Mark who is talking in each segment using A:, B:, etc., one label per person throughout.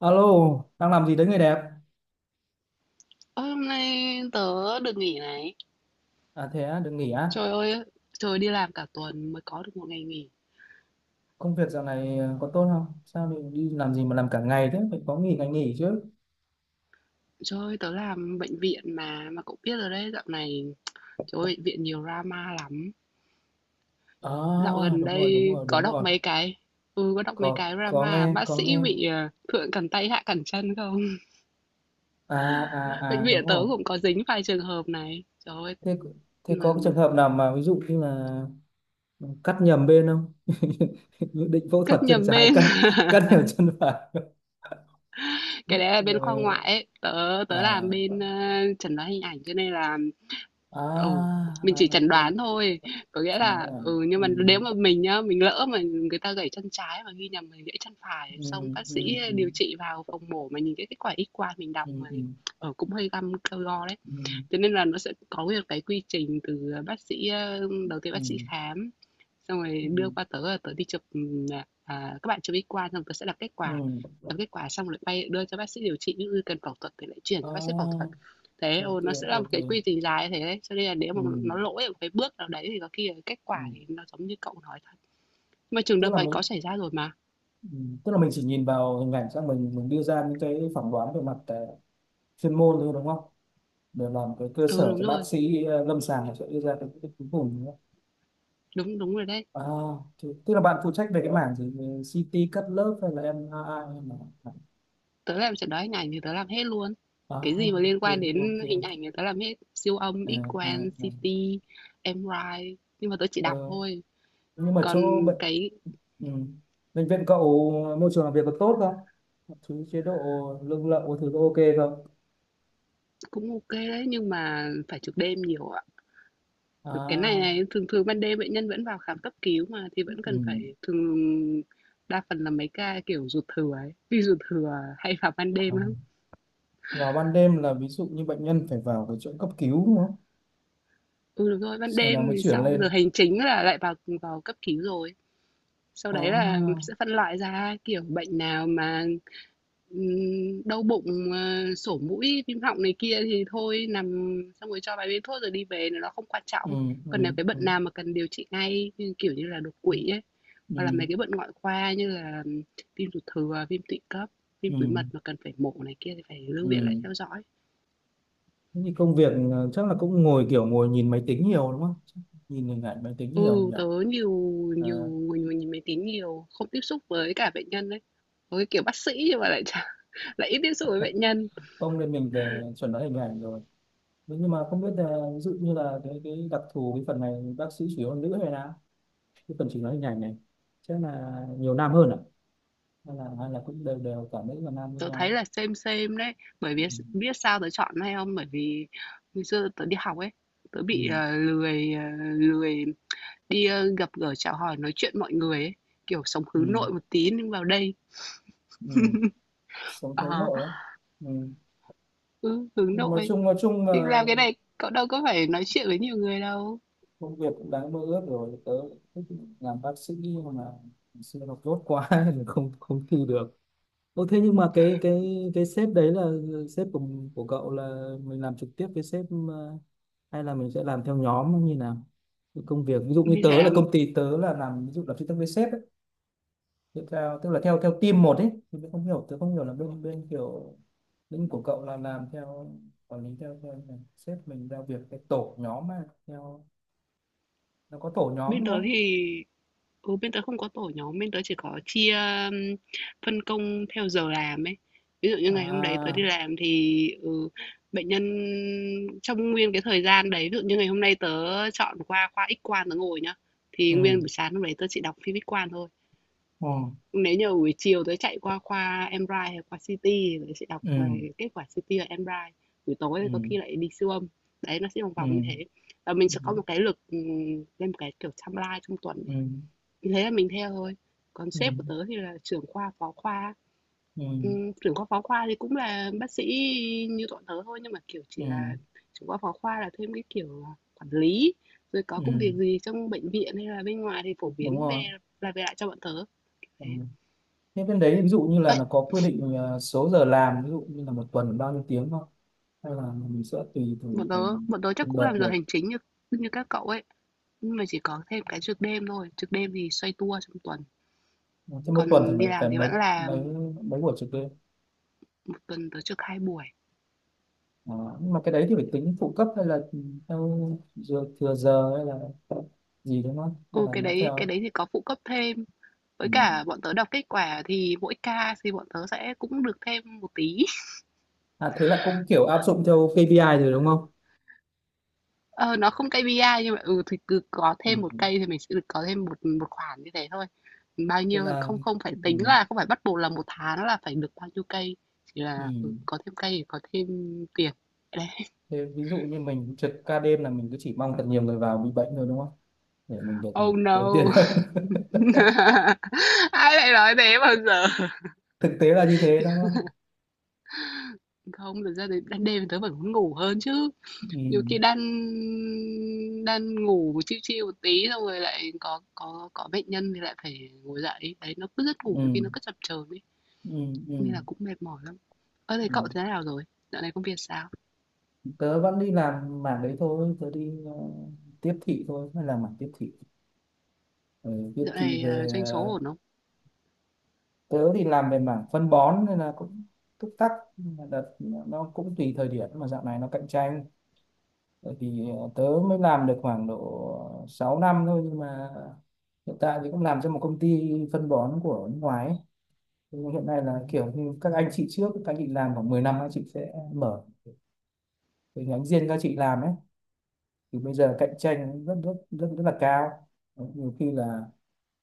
A: Alo, đang làm gì đấy người đẹp?
B: Ơ, hôm nay tớ được nghỉ này.
A: À thế á, được nghỉ á?
B: Trời ơi, trời đi làm cả tuần mới có được một ngày nghỉ.
A: Công việc dạo này có tốt không? Sao lại đi làm gì mà làm cả ngày thế? Phải có nghỉ ngày nghỉ chứ.
B: Trời ơi, tớ làm bệnh viện mà cậu biết rồi đấy, dạo này trời ơi, bệnh viện nhiều drama lắm.
A: À,
B: Dạo gần
A: đúng rồi, đúng
B: đây
A: rồi,
B: có
A: đúng
B: đọc
A: rồi.
B: mấy cái. Ừ, có đọc mấy
A: Có
B: cái
A: có
B: drama
A: nghe,
B: bác
A: có
B: sĩ
A: nghe.
B: bị thượng cẳng tay hạ cẳng chân không?
A: À à à
B: Bệnh
A: đúng
B: viện tớ
A: rồi.
B: cũng có dính vài trường hợp này. Trời ơi,
A: Thế thế
B: mà
A: có cái trường hợp nào mà ví dụ như là cắt nhầm bên không? Dự định phẫu thuật
B: cất
A: chân
B: nhầm
A: trái
B: bên,
A: cắt cắt nhầm chân phải.
B: cái đấy là
A: Ờ,
B: bên khoa ngoại ấy. Tớ tớ làm
A: à,
B: bên chẩn đoán hình ảnh cho nên là ừ,
A: à,
B: mình chỉ
A: à,
B: chẩn
A: ok.
B: đoán thôi, có nghĩa
A: Chỉ nói
B: là
A: là
B: ừ, nhưng
A: ừ,
B: mà nếu mà mình nhá, mình lỡ mà người ta gãy chân trái mà ghi nhầm mình gãy chân phải,
A: ừ,
B: xong bác
A: ừ,
B: sĩ
A: ừ.
B: điều trị vào phòng mổ mà nhìn cái kết quả X-quang mình đọc
A: Ừ,
B: mà
A: ừ,
B: ừ, cũng hơi găm cơ go đấy,
A: ừ,
B: cho nên là nó sẽ có nguyên một cái quy trình từ, bác sĩ, đầu tiên
A: ừ,
B: bác sĩ khám, xong rồi
A: ừ,
B: đưa qua tớ là tớ đi chụp, à, à, các bạn chụp X-quang xong tớ sẽ
A: ừ,
B: đọc kết quả xong lại bay đưa cho bác sĩ điều trị, ví dụ cần phẫu thuật thì lại chuyển cho bác sĩ phẫu thuật.
A: à,
B: Thế,
A: ok,
B: ừ, nó sẽ là một
A: ok,
B: cái quy trình dài thế đấy, cho nên là nếu
A: ừ,
B: mà nó lỗi ở một cái bước nào đấy thì có khi là kết
A: ừ,
B: quả thì nó giống như cậu nói thật. Nhưng mà trường
A: tức
B: hợp
A: là
B: ấy có
A: mình
B: xảy ra rồi mà.
A: ừ, tức là mình chỉ nhìn vào hình ảnh xong mình đưa ra những cái phỏng đoán về mặt chuyên môn thôi đúng không, để làm cái cơ
B: Ừ,
A: sở
B: đúng
A: cho bác
B: rồi,
A: sĩ lâm sàng sẽ đưa ra cái quyết định cuối cùng nữa.
B: đúng, đúng rồi đấy.
A: À thì, tức là bạn phụ trách về cái mảng gì? Về CT cắt lớp hay là MRI hay là
B: Tớ làm chẩn đoán hình ảnh thì tớ làm hết luôn.
A: à,
B: Cái gì mà liên
A: ok,
B: quan
A: ok,
B: đến hình ảnh thì tớ làm hết, siêu âm,
A: à, à,
B: X-quang,
A: à.
B: CT, MRI, nhưng mà tớ chỉ
A: Ờ,
B: đọc thôi.
A: nhưng mà
B: Còn
A: chỗ bệnh.
B: cái
A: Ừ. Bệnh viện cậu môi trường làm việc có tốt không? Mọi thứ chế độ lương lậu có thứ có ok không?
B: cũng ok đấy nhưng mà phải trực đêm nhiều ạ. Cái này
A: À,
B: này thường thường ban đêm bệnh nhân vẫn vào khám cấp cứu mà thì vẫn
A: ừ.
B: cần phải thường đa phần là mấy ca kiểu ruột thừa ấy, vì ruột thừa hay vào ban
A: À.
B: đêm lắm.
A: Vào ban đêm là ví dụ như bệnh nhân phải vào cái chỗ cấp cứu đúng không?
B: Ừ đúng rồi, ban
A: Sau đó
B: đêm
A: mới
B: thì
A: chuyển
B: sau giờ
A: lên.
B: hành chính là lại vào, vào cấp cứu rồi. Sau
A: À,
B: đấy là sẽ phân loại ra kiểu bệnh nào mà ừm, đau bụng, sổ mũi, viêm họng này kia thì thôi nằm xong rồi cho vài viên thuốc rồi đi về nó không quan
A: ừ,
B: trọng.
A: ừ,
B: Còn nếu cái
A: ừ,
B: bệnh nào mà cần điều trị ngay như, kiểu như là, đột quỵ ấy, hoặc là
A: ừ,
B: mấy cái bệnh ngoại khoa như là viêm ruột thừa, viêm tụy cấp, viêm
A: ừ,
B: túi mật mà cần phải mổ này kia thì phải lưu viện lại
A: ừ.
B: theo dõi.
A: Thế thì công việc chắc là cũng ngồi kiểu ngồi nhìn máy tính nhiều đúng không? Chắc nhìn hình ảnh máy tính nhiều
B: Ừ,
A: nhỉ?
B: tớ nhiều, nhiều
A: À,
B: người nhìn máy tính nhiều, không tiếp xúc với cả bệnh nhân đấy. Với kiểu bác sĩ nhưng mà lại chả, lại ít tiếp xúc với bệnh nhân.
A: không nên mình về chuẩn đoán hình ảnh rồi. Đúng, nhưng mà không biết là ví dụ như là cái đặc thù cái phần này bác sĩ chủ yếu là nữ hay là cái phần chỉnh nói hình ảnh này chắc là nhiều nam hơn à, hay là cũng đều đều cả nữ và nam với
B: Tớ thấy
A: nhau.
B: là xem đấy, bởi
A: Ừ.
B: vì biết sao tớ chọn hay không? Bởi vì ngày xưa tớ đi học ấy, tớ
A: Ừ.
B: bị, lười, lười đi, ơ, gặp gỡ, chào hỏi, nói chuyện mọi người ấy, kiểu, sống hướng
A: Ừ.
B: nội một tí nhưng vào đây
A: Ừ. Sống
B: ờ,
A: hướng nội á. Ừ.
B: ừ, hướng
A: Nhưng nói
B: nội,
A: chung nói chung
B: nhưng
A: là
B: làm cái này cậu đâu có phải nói chuyện với nhiều người đâu.
A: công việc cũng đáng mơ ước rồi. Tớ thích làm bác sĩ nhưng mà xưa học dốt quá nên không không thi được. Ồ, thế nhưng mà cái sếp đấy là sếp của cậu, là mình làm trực tiếp với sếp hay là mình sẽ làm theo nhóm như nào? Cái công việc ví dụ như
B: Mình phải
A: tớ là
B: làm
A: công ty tớ là làm ví dụ là phân tích với sếp ấy, thì theo tức là theo theo team một ấy, thì tớ không hiểu là bên bên kiểu lĩnh của cậu là làm theo quản lý theo, là sếp mình giao việc cái tổ nhóm mà theo, nó có tổ nhóm
B: bên
A: đúng
B: tớ
A: không?
B: thì ừ, bên tớ không có tổ nhóm, bên tớ chỉ có chia um, phân công theo giờ làm ấy. Ví dụ như ngày hôm đấy tớ
A: À,
B: đi làm thì ừ, bệnh nhân trong nguyên cái thời gian đấy, ví dụ như ngày hôm nay tớ chọn qua khoa X quang tớ ngồi nhá, thì
A: ừ,
B: nguyên buổi sáng hôm đấy tớ chỉ đọc phim X quang thôi.
A: ừ,
B: Nếu như buổi chiều tớ chạy qua khoa MRI hay khoa CT thì tớ sẽ đọc
A: ừ,
B: về kết quả CT và MRI. Buổi tối thì
A: ừ,
B: có khi lại đi siêu âm. Đấy, nó sẽ vòng
A: ừ,
B: vòng như thế. Và mình sẽ có một cái lịch ừ, lên một cái kiểu timeline trong tuần
A: ừ,
B: ấy thì thế là mình theo thôi. Còn
A: ừ, ừ,
B: sếp của tớ thì là trưởng khoa phó khoa.
A: ừ,
B: Trưởng khoa phó khoa thì cũng là bác sĩ như bọn tớ thôi nhưng mà kiểu chỉ
A: ừ,
B: là
A: ừ.
B: trưởng khoa phó khoa là thêm cái kiểu là quản lý, rồi có công
A: Ừ,
B: việc gì trong bệnh viện hay là bên ngoài thì phổ
A: đúng
B: biến
A: rồi.
B: về, là về lại cho bọn tớ.
A: Ừ.
B: Thế
A: Thế bên đấy ví dụ như là
B: ấy,
A: nó có quy định số giờ làm ví dụ như là một tuần bao nhiêu tiếng không, hay là mình sẽ tùy
B: bọn tớ
A: từng
B: bọn tớ chắc
A: từng
B: cũng
A: đợt
B: làm giờ
A: một?
B: hành chính như như các cậu ấy, nhưng mà chỉ có thêm cái trực đêm thôi, trực đêm thì xoay tua trong tuần,
A: Thế một tuần thì
B: còn đi
A: mấy phải
B: làm thì
A: mấy
B: vẫn
A: mấy
B: làm,
A: mấy buổi trực đêm?
B: một tuần tớ trực hai buổi.
A: À, nhưng mà cái đấy thì phải tính phụ cấp hay là theo giờ, thừa giờ hay là gì đúng không, hay
B: Ừ,
A: là
B: cái
A: nó
B: đấy cái
A: theo?
B: đấy thì có phụ cấp thêm.
A: Ừ.
B: Với cả bọn tớ đọc kết quả thì mỗi ca thì bọn tớ sẽ cũng được thêm một tí.
A: À thế là cũng kiểu áp dụng theo KPI rồi đúng không?
B: Ờ, nó không KPI nhưng mà ừ thì cứ có
A: Ừ.
B: thêm
A: Ừ.
B: một cây thì mình sẽ được có thêm một một khoản như thế thôi. Bao
A: Tức
B: nhiêu
A: là
B: không, không phải
A: ừ.
B: tính là không phải bắt buộc là một tháng là phải được bao nhiêu cây, chỉ
A: Ừ.
B: là ừ, có thêm cây thì có thêm tiền. Đấy.
A: Thế ví dụ như mình trực ca đêm là mình cứ chỉ mong thật nhiều người vào bị bệnh thôi đúng không, để mình được
B: Oh
A: ưu tiên.
B: no. Ai lại nói thế bao giờ?
A: Thực tế là như thế đó.
B: Không, thực ra thì đêm tớ vẫn muốn ngủ hơn chứ.
A: Ừ.
B: Nhiều khi đang đang ngủ chiêu chiêu một tí xong rồi lại có có bệnh nhân thì lại phải ngồi dậy, đấy nó cứ giấc ngủ nhiều
A: Ừ.
B: khi nó cứ chập chờn ấy,
A: Ừ.
B: nên
A: Ừ.
B: là cũng mệt mỏi lắm. Ơ thế
A: Ừ.
B: cậu thế nào rồi, dạo này công việc sao,
A: Tớ vẫn đi làm mảng đấy thôi, tớ đi tiếp thị thôi, hay là mảng tiếp thị. Ừ, tiếp
B: dạo
A: thị
B: này
A: về
B: doanh số ổn không?
A: tớ thì làm về mảng phân bón nên là cũng túc tắc. Nhưng mà đợt nó cũng tùy thời điểm mà dạo này nó cạnh tranh. Bởi vì tớ mới làm được khoảng độ 6 năm thôi, nhưng mà hiện tại thì cũng làm cho một công ty phân bón của nước ngoài ấy. Nhưng hiện nay là kiểu như các anh chị trước, các anh chị làm khoảng 10 năm các anh chị sẽ mở cái nhánh riêng các chị làm ấy, thì bây giờ cạnh tranh rất rất rất rất là cao. Nhiều khi là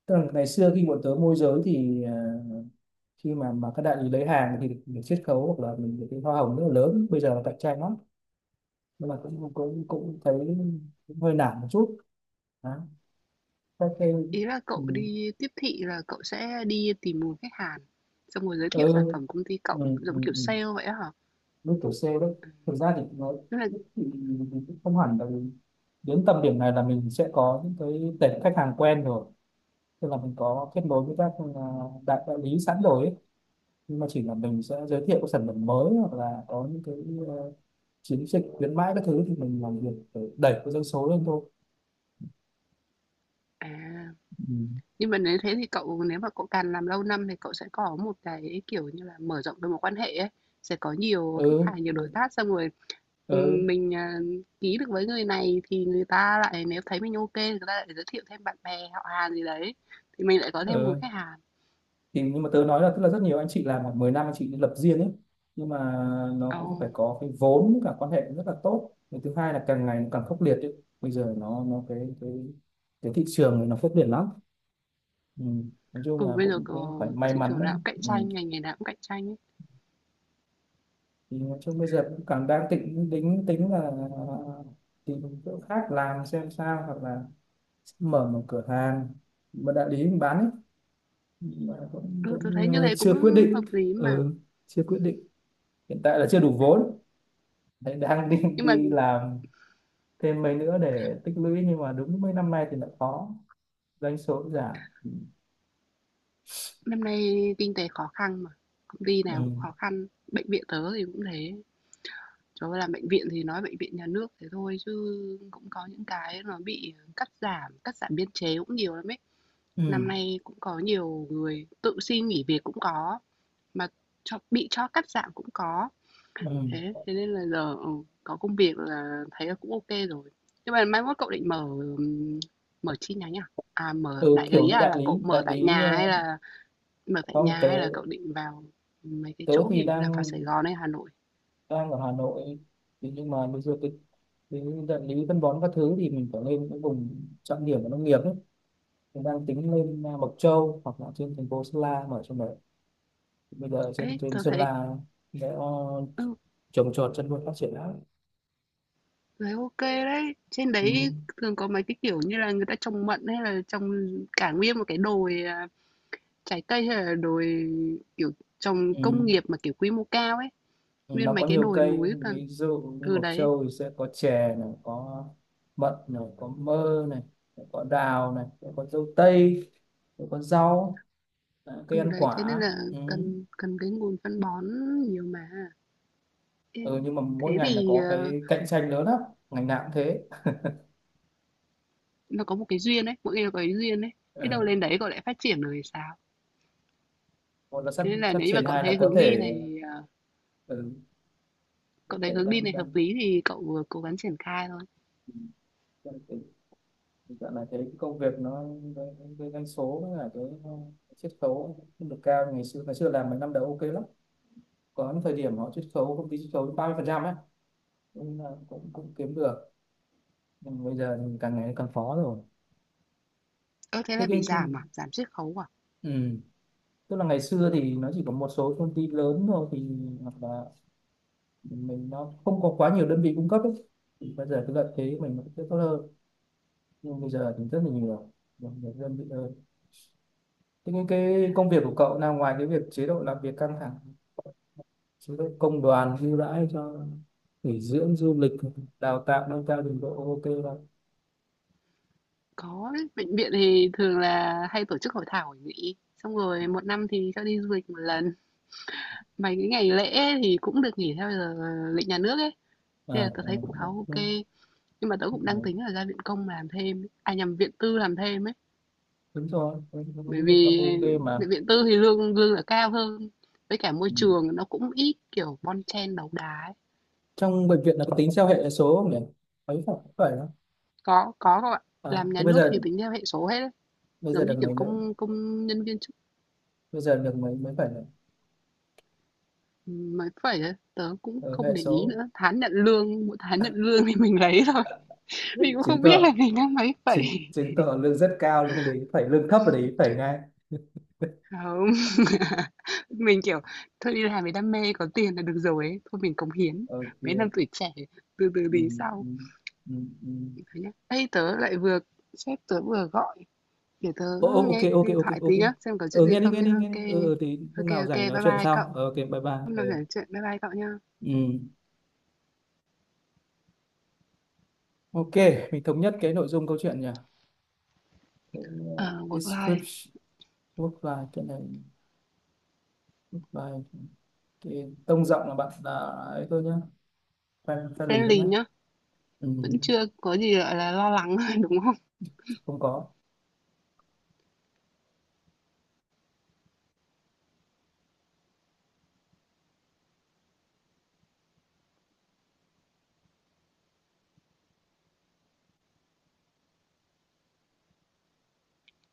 A: tức là ngày xưa khi bọn tớ môi giới thì khi mà các đại lý lấy hàng thì được, được chiết khấu hoặc là mình được cái hoa hồng rất là lớn, bây giờ là cạnh tranh lắm. Nhưng mà cũng cũng cũng thấy, cũng hơi nản một chút đó. Các cái
B: Ý là
A: ừ,
B: cậu đi tiếp thị là cậu sẽ đi tìm nguồn khách hàng xong rồi giới thiệu sản
A: ừ,
B: phẩm công ty
A: ừ,
B: cậu giống
A: ừ,
B: kiểu
A: ừ.
B: sale vậy á hả?
A: Lúc tuổi C đấy, thực ra thì nó
B: Tức là
A: thì, thì cũng không hẳn là đến tầm điểm này là mình sẽ có những cái tệp khách hàng quen rồi, tức là mình có kết nối với các à, đại đại lý sẵn rồi ấy. Nhưng mà chỉ là mình sẽ giới thiệu các sản phẩm mới hoặc là có những cái ờ, chiến dịch khuyến mãi các thứ, thì mình làm việc để đẩy cái doanh số lên thôi.
B: à.
A: Ừ.
B: Nhưng mà nếu thế thì cậu, nếu mà cậu càng làm lâu năm thì cậu sẽ có một cái, kiểu như là, mở rộng được mối quan hệ ấy, sẽ có nhiều khách
A: Ừ,
B: hàng, nhiều
A: ừ,
B: đối tác xong rồi,
A: ừ,
B: mình, à, ký được với người này thì người ta lại nếu thấy mình ok kê người ta lại giới thiệu thêm bạn bè, họ hàng gì đấy, thì mình lại có thêm nguồn
A: ừ.
B: khách hàng.
A: Thì nhưng mà tớ nói là tức là rất nhiều anh chị làm khoảng 10 năm anh chị lập riêng ấy, nhưng mà nó
B: Ờ,
A: cũng phải có cái vốn với cả quan hệ rất là tốt. Và thứ hai là càng ngày nó càng khốc liệt ấy. Bây giờ nó cái thị trường này nó khốc liệt lắm. Ừ. Nói chung
B: ừ,
A: là
B: bây giờ
A: cũng
B: c,
A: cũng phải may
B: thị
A: mắn
B: trường
A: đó.
B: nào cũng cạnh
A: Ừ.
B: tranh, ngành nghề nào cũng cạnh tranh ấy.
A: Thì nói chung bây giờ cũng cảm đang định tính tính là tìm chỗ khác làm xem sao, hoặc là mở một cửa hàng, một đại lý mình bán ấy. Nhưng mà cũng,
B: Ừ, tớ thấy
A: cũng
B: như thế cũng
A: chưa quyết định.
B: hợp lý mà.
A: Ừ, chưa quyết định. Hiện tại là chưa đủ vốn. Đấy, đang đi
B: Nhưng mà
A: đi làm thêm mấy nữa để tích lũy, nhưng mà đúng mấy năm nay thì lại khó, doanh số giảm. Ừ.
B: năm nay kinh tế khó khăn mà, công ty
A: Ừ.
B: nào cũng khó khăn, bệnh viện tớ thì cũng thế. Trời, làm bệnh viện thì nói bệnh viện nhà nước thế thôi chứ cũng có những cái nó bị cắt giảm biên chế cũng nhiều lắm ấy. Năm nay cũng có nhiều người tự xin nghỉ việc cũng có, mà cho bị cho cắt giảm cũng có.
A: Ừ.
B: Thế thế nên là giờ ừ, có công việc là thấy là cũng ok rồi. Nhưng mà mai mốt cậu định mở, mở chi nhánh à? À mở
A: Ừ
B: đại
A: kiểu
B: lý
A: như
B: à, là
A: đại
B: cậu
A: lý,
B: mở tại nhà hay là mở tại
A: không,
B: nhà,
A: tớ,
B: hay là cậu định vào mấy cái
A: tớ
B: chỗ
A: thì
B: kiểu như là vào
A: đang
B: Sài Gòn hay Hà Nội?
A: đang ở Hà Nội, thì nhưng mà bây giờ cái địa lý phân bón các thứ thì mình phải lên những vùng trọng điểm của nông nghiệp ấy. Mình đang tính lên à, Mộc Châu hoặc là trên thành phố Sơn La mở trong đấy. Bây giờ trên
B: Ấy,
A: trên
B: tôi
A: Sơn
B: thấy
A: La để
B: ừ,
A: trồng trọt chăn nuôi phát triển lắm.
B: đấy, OK đấy. Trên đấy
A: Ừ.
B: thường có mấy cái, kiểu như là, người ta trồng mận hay là trồng cả nguyên một cái đồi, à, trái cây hay là đồi, kiểu, trồng
A: Ừ.
B: công nghiệp mà, kiểu, quy mô cao ấy,
A: Ừ.
B: nguyên
A: Nó
B: mấy
A: có
B: cái
A: nhiều
B: đồi
A: cây,
B: núi và
A: ví dụ như
B: từ
A: Mộc
B: đấy,
A: Châu thì sẽ có chè này, có mận này, có mơ này, có đào này, có dâu tây, có rau, à, cây ăn
B: thế nên
A: quả.
B: là
A: Ừ.
B: cần cần cái nguồn phân bón nhiều mà. Ê,
A: Ừ, nhưng mà mỗi
B: thế
A: ngành là
B: thì,
A: có cái cạnh tranh lớn lắm, ngành nào cũng thế.
B: nó có một cái duyên ấy, mỗi người có cái duyên ấy, biết đâu lên
A: Ừ.
B: đấy cậu lại phát triển rồi thì sao?
A: Một là phát
B: Thế nên là
A: phát
B: nếu như mà
A: triển,
B: cậu
A: hai là
B: thấy
A: có
B: hướng đi
A: thể,
B: này, à,
A: ừ, có
B: cậu thấy
A: thể
B: hướng đi
A: đang
B: này hợp
A: đang
B: lý thì cậu, vừa cố gắng triển khai thôi.
A: đang tình tình trạng này thấy cái công việc nó cái doanh số với cả cái chiết khấu không được cao. Ngày xưa làm mấy năm đầu ok lắm, có những thời điểm họ chiết khấu công ty chiết khấu 30% ấy, cũng là cũng cũng kiếm được, nhưng bây giờ thì càng ngày càng khó rồi.
B: Ơ, thế
A: Thế
B: là bị
A: cái
B: giảm à? Giảm chiết khấu à?
A: ừ, tức là ngày xưa thì nó chỉ có một số công ty lớn thôi thì, hoặc là mình nó không có quá nhiều đơn vị cung cấp ấy. Thì bây giờ cái lợi thế của mình nó sẽ tốt hơn, nhưng bây giờ thì rất là nhiều, nhiều đơn vị hơn. Thế cái công việc của cậu là ngoài cái việc chế độ làm việc căng thẳng, chế độ công đoàn ưu đãi cho nghỉ dưỡng du lịch, đào tạo nâng cao trình độ ok không?
B: Có đấy, bệnh viện thì thường là hay tổ chức hội thảo hội nghị, xong rồi một năm thì cho đi du lịch một lần. Mấy cái ngày lễ thì cũng được nghỉ theo giờ lịch nhà nước ấy,
A: À,
B: nên
A: à,
B: là tớ thấy cũng khá ok.
A: ok,
B: Nhưng mà tớ cũng đang tính
A: à,
B: là ra viện công làm thêm ấy, à, nhầm, viện tư làm thêm ấy,
A: đúng rồi, tôi nghĩ
B: bởi
A: là cậu
B: vì
A: ok mà.
B: bệnh viện tư thì lương lương là cao hơn, với cả môi
A: Ừ.
B: trường nó cũng ít, kiểu, bon chen đấu đá ấy.
A: Trong bệnh viện là có tính theo hệ số không nhỉ? Ấy phải, phải đó.
B: Có các bạn.
A: À
B: Làm
A: thế
B: nhà
A: bây
B: nước
A: giờ,
B: thì tính theo hệ số hết ấy,
A: bây giờ
B: giống như,
A: được
B: kiểu,
A: mấy mấy,
B: công công nhân viên.
A: bây giờ được mấy mấy phải là
B: Phải vậy, tớ cũng
A: ờ,
B: không
A: hệ
B: để ý
A: số.
B: nữa, tháng nhận lương, mỗi tháng nhận lương thì mình lấy thôi, mình cũng
A: Chứng
B: không biết là
A: tỏ
B: mình đang mấy phẩy.
A: chứng chứng tỏ lương rất cao, lương đấy phải lương thấp ở đấy phải ngay.
B: Không, mình, kiểu, thôi đi làm vì đam mê, có tiền là được rồi ấy, thôi mình cống hiến,
A: Ok.
B: mấy năm tuổi trẻ, từ từ
A: Ừ,
B: đi sau.
A: ừ, ừ, ừ.
B: Nhá. Ê, tớ lại vừa, sếp tớ vừa gọi, để tớ
A: Ô, ô, ok,
B: nghe
A: ok,
B: điện
A: ok,
B: thoại
A: ok.
B: tí nhá, xem có chuyện
A: Ờ,
B: gì
A: nghe đi,
B: không
A: nghe
B: nhá.
A: đi, nghe
B: Ok
A: đi, ờ, thì lúc
B: ok
A: nào
B: ok,
A: rảnh
B: bye
A: nói chuyện
B: bye
A: sau.
B: cậu,
A: Ờ, ok, bye bye.
B: hôm
A: Ờ.
B: nào rảnh chuyện, bye bye cậu nhá.
A: Ừ. Ok, mình thống nhất cái nội dung câu chuyện nhỉ.
B: Ờ, work life
A: Description, work life, cái này work life, cái tông giọng là bạn là ấy thôi nhá, fan fan lì thôi
B: friendly
A: nhá.
B: nhá,
A: Ừ.
B: vẫn chưa có gì, gọi là, lo lắng, đúng không?
A: Không có.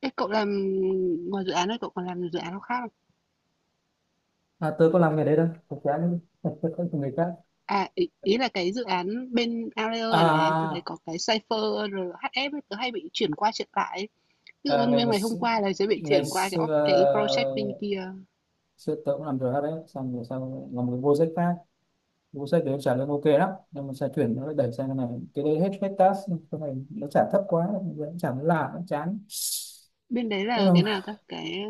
B: Thế cậu làm ngoài dự án này cậu còn làm dự án nào khác không?
A: À, tớ có làm nghề đấy đâu thật ra. Không, người khác.
B: À ý, ý là cái dự án bên Audio này này, tôi thấy
A: À,
B: có cái Cypher rồi HF ấy, tớ hay bị chuyển qua chuyển lại. Ấy. Ví dụ
A: À,
B: như
A: ngày,
B: nguyên
A: ngày
B: ngày hôm
A: x-
B: qua là sẽ bị
A: ngày
B: chuyển qua cái
A: xưa
B: cái project bên kia.
A: xưa tớ cũng làm được hết đấy, xong rồi sau làm cái vô sách khác, vô sách đấy trả lương ok lắm nhưng mà sẽ chuyển nó lại đẩy sang cái này, cái đấy hết hết task, cái này nó trả thấp quá, nó trả nó lạ nó chán.
B: Bên đấy là
A: Nhưng
B: cái
A: mà
B: nào ta? Cái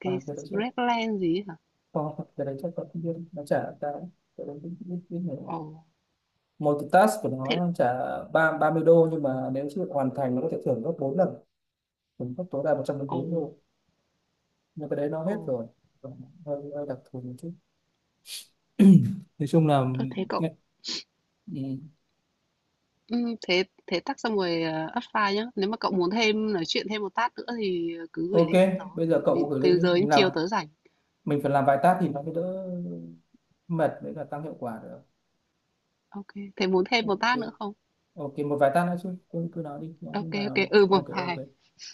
B: cái
A: à, cái đấy chắc
B: Redland gì ấy hả?
A: có, cái đấy chắc có, không biết nó trả cái đấy biết biết biết nhiều
B: Ồ,
A: lắm. Một cái task của
B: thế
A: nó trả ba 30 đô, nhưng mà nếu chưa hoàn thành nó có thể thưởng gấp bốn lần, thưởng gấp tối đa một trăm
B: ồ
A: bốn mươi đô Nhưng cái đấy nó
B: ồ,
A: hết rồi. Hơi đặc thù một chút. Nói chung là
B: tôi thấy cậu
A: ừ.
B: ừ, thế thế tắt xong rồi apply nhá. Nếu mà cậu muốn thêm nói chuyện thêm một tát nữa thì cứ gửi
A: Ok,
B: link cho tớ.
A: bây giờ
B: Tại
A: cậu
B: vì
A: gửi lên
B: từ
A: đi
B: giờ đến
A: mình làm.
B: chiều tớ rảnh.
A: Mình phải làm vài task thì nó mới đỡ mệt với cả tăng hiệu quả được.
B: Ok kê, thế muốn thêm một bát
A: Ừ,
B: nữa không?
A: ok, một vài task nữa chứ, cứ cứ nói đi nhá,
B: Ok
A: nhưng mà
B: ok ừ, một
A: ok, ok.
B: vài.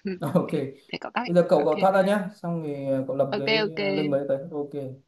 B: Ok ô
A: Ok.
B: kê, thế cậu tắt đi.
A: Bây giờ
B: Ô
A: cậu cậu
B: kê,
A: thoát ra nhá, xong thì cậu lập cái
B: ô kê,
A: link mới tới, ok.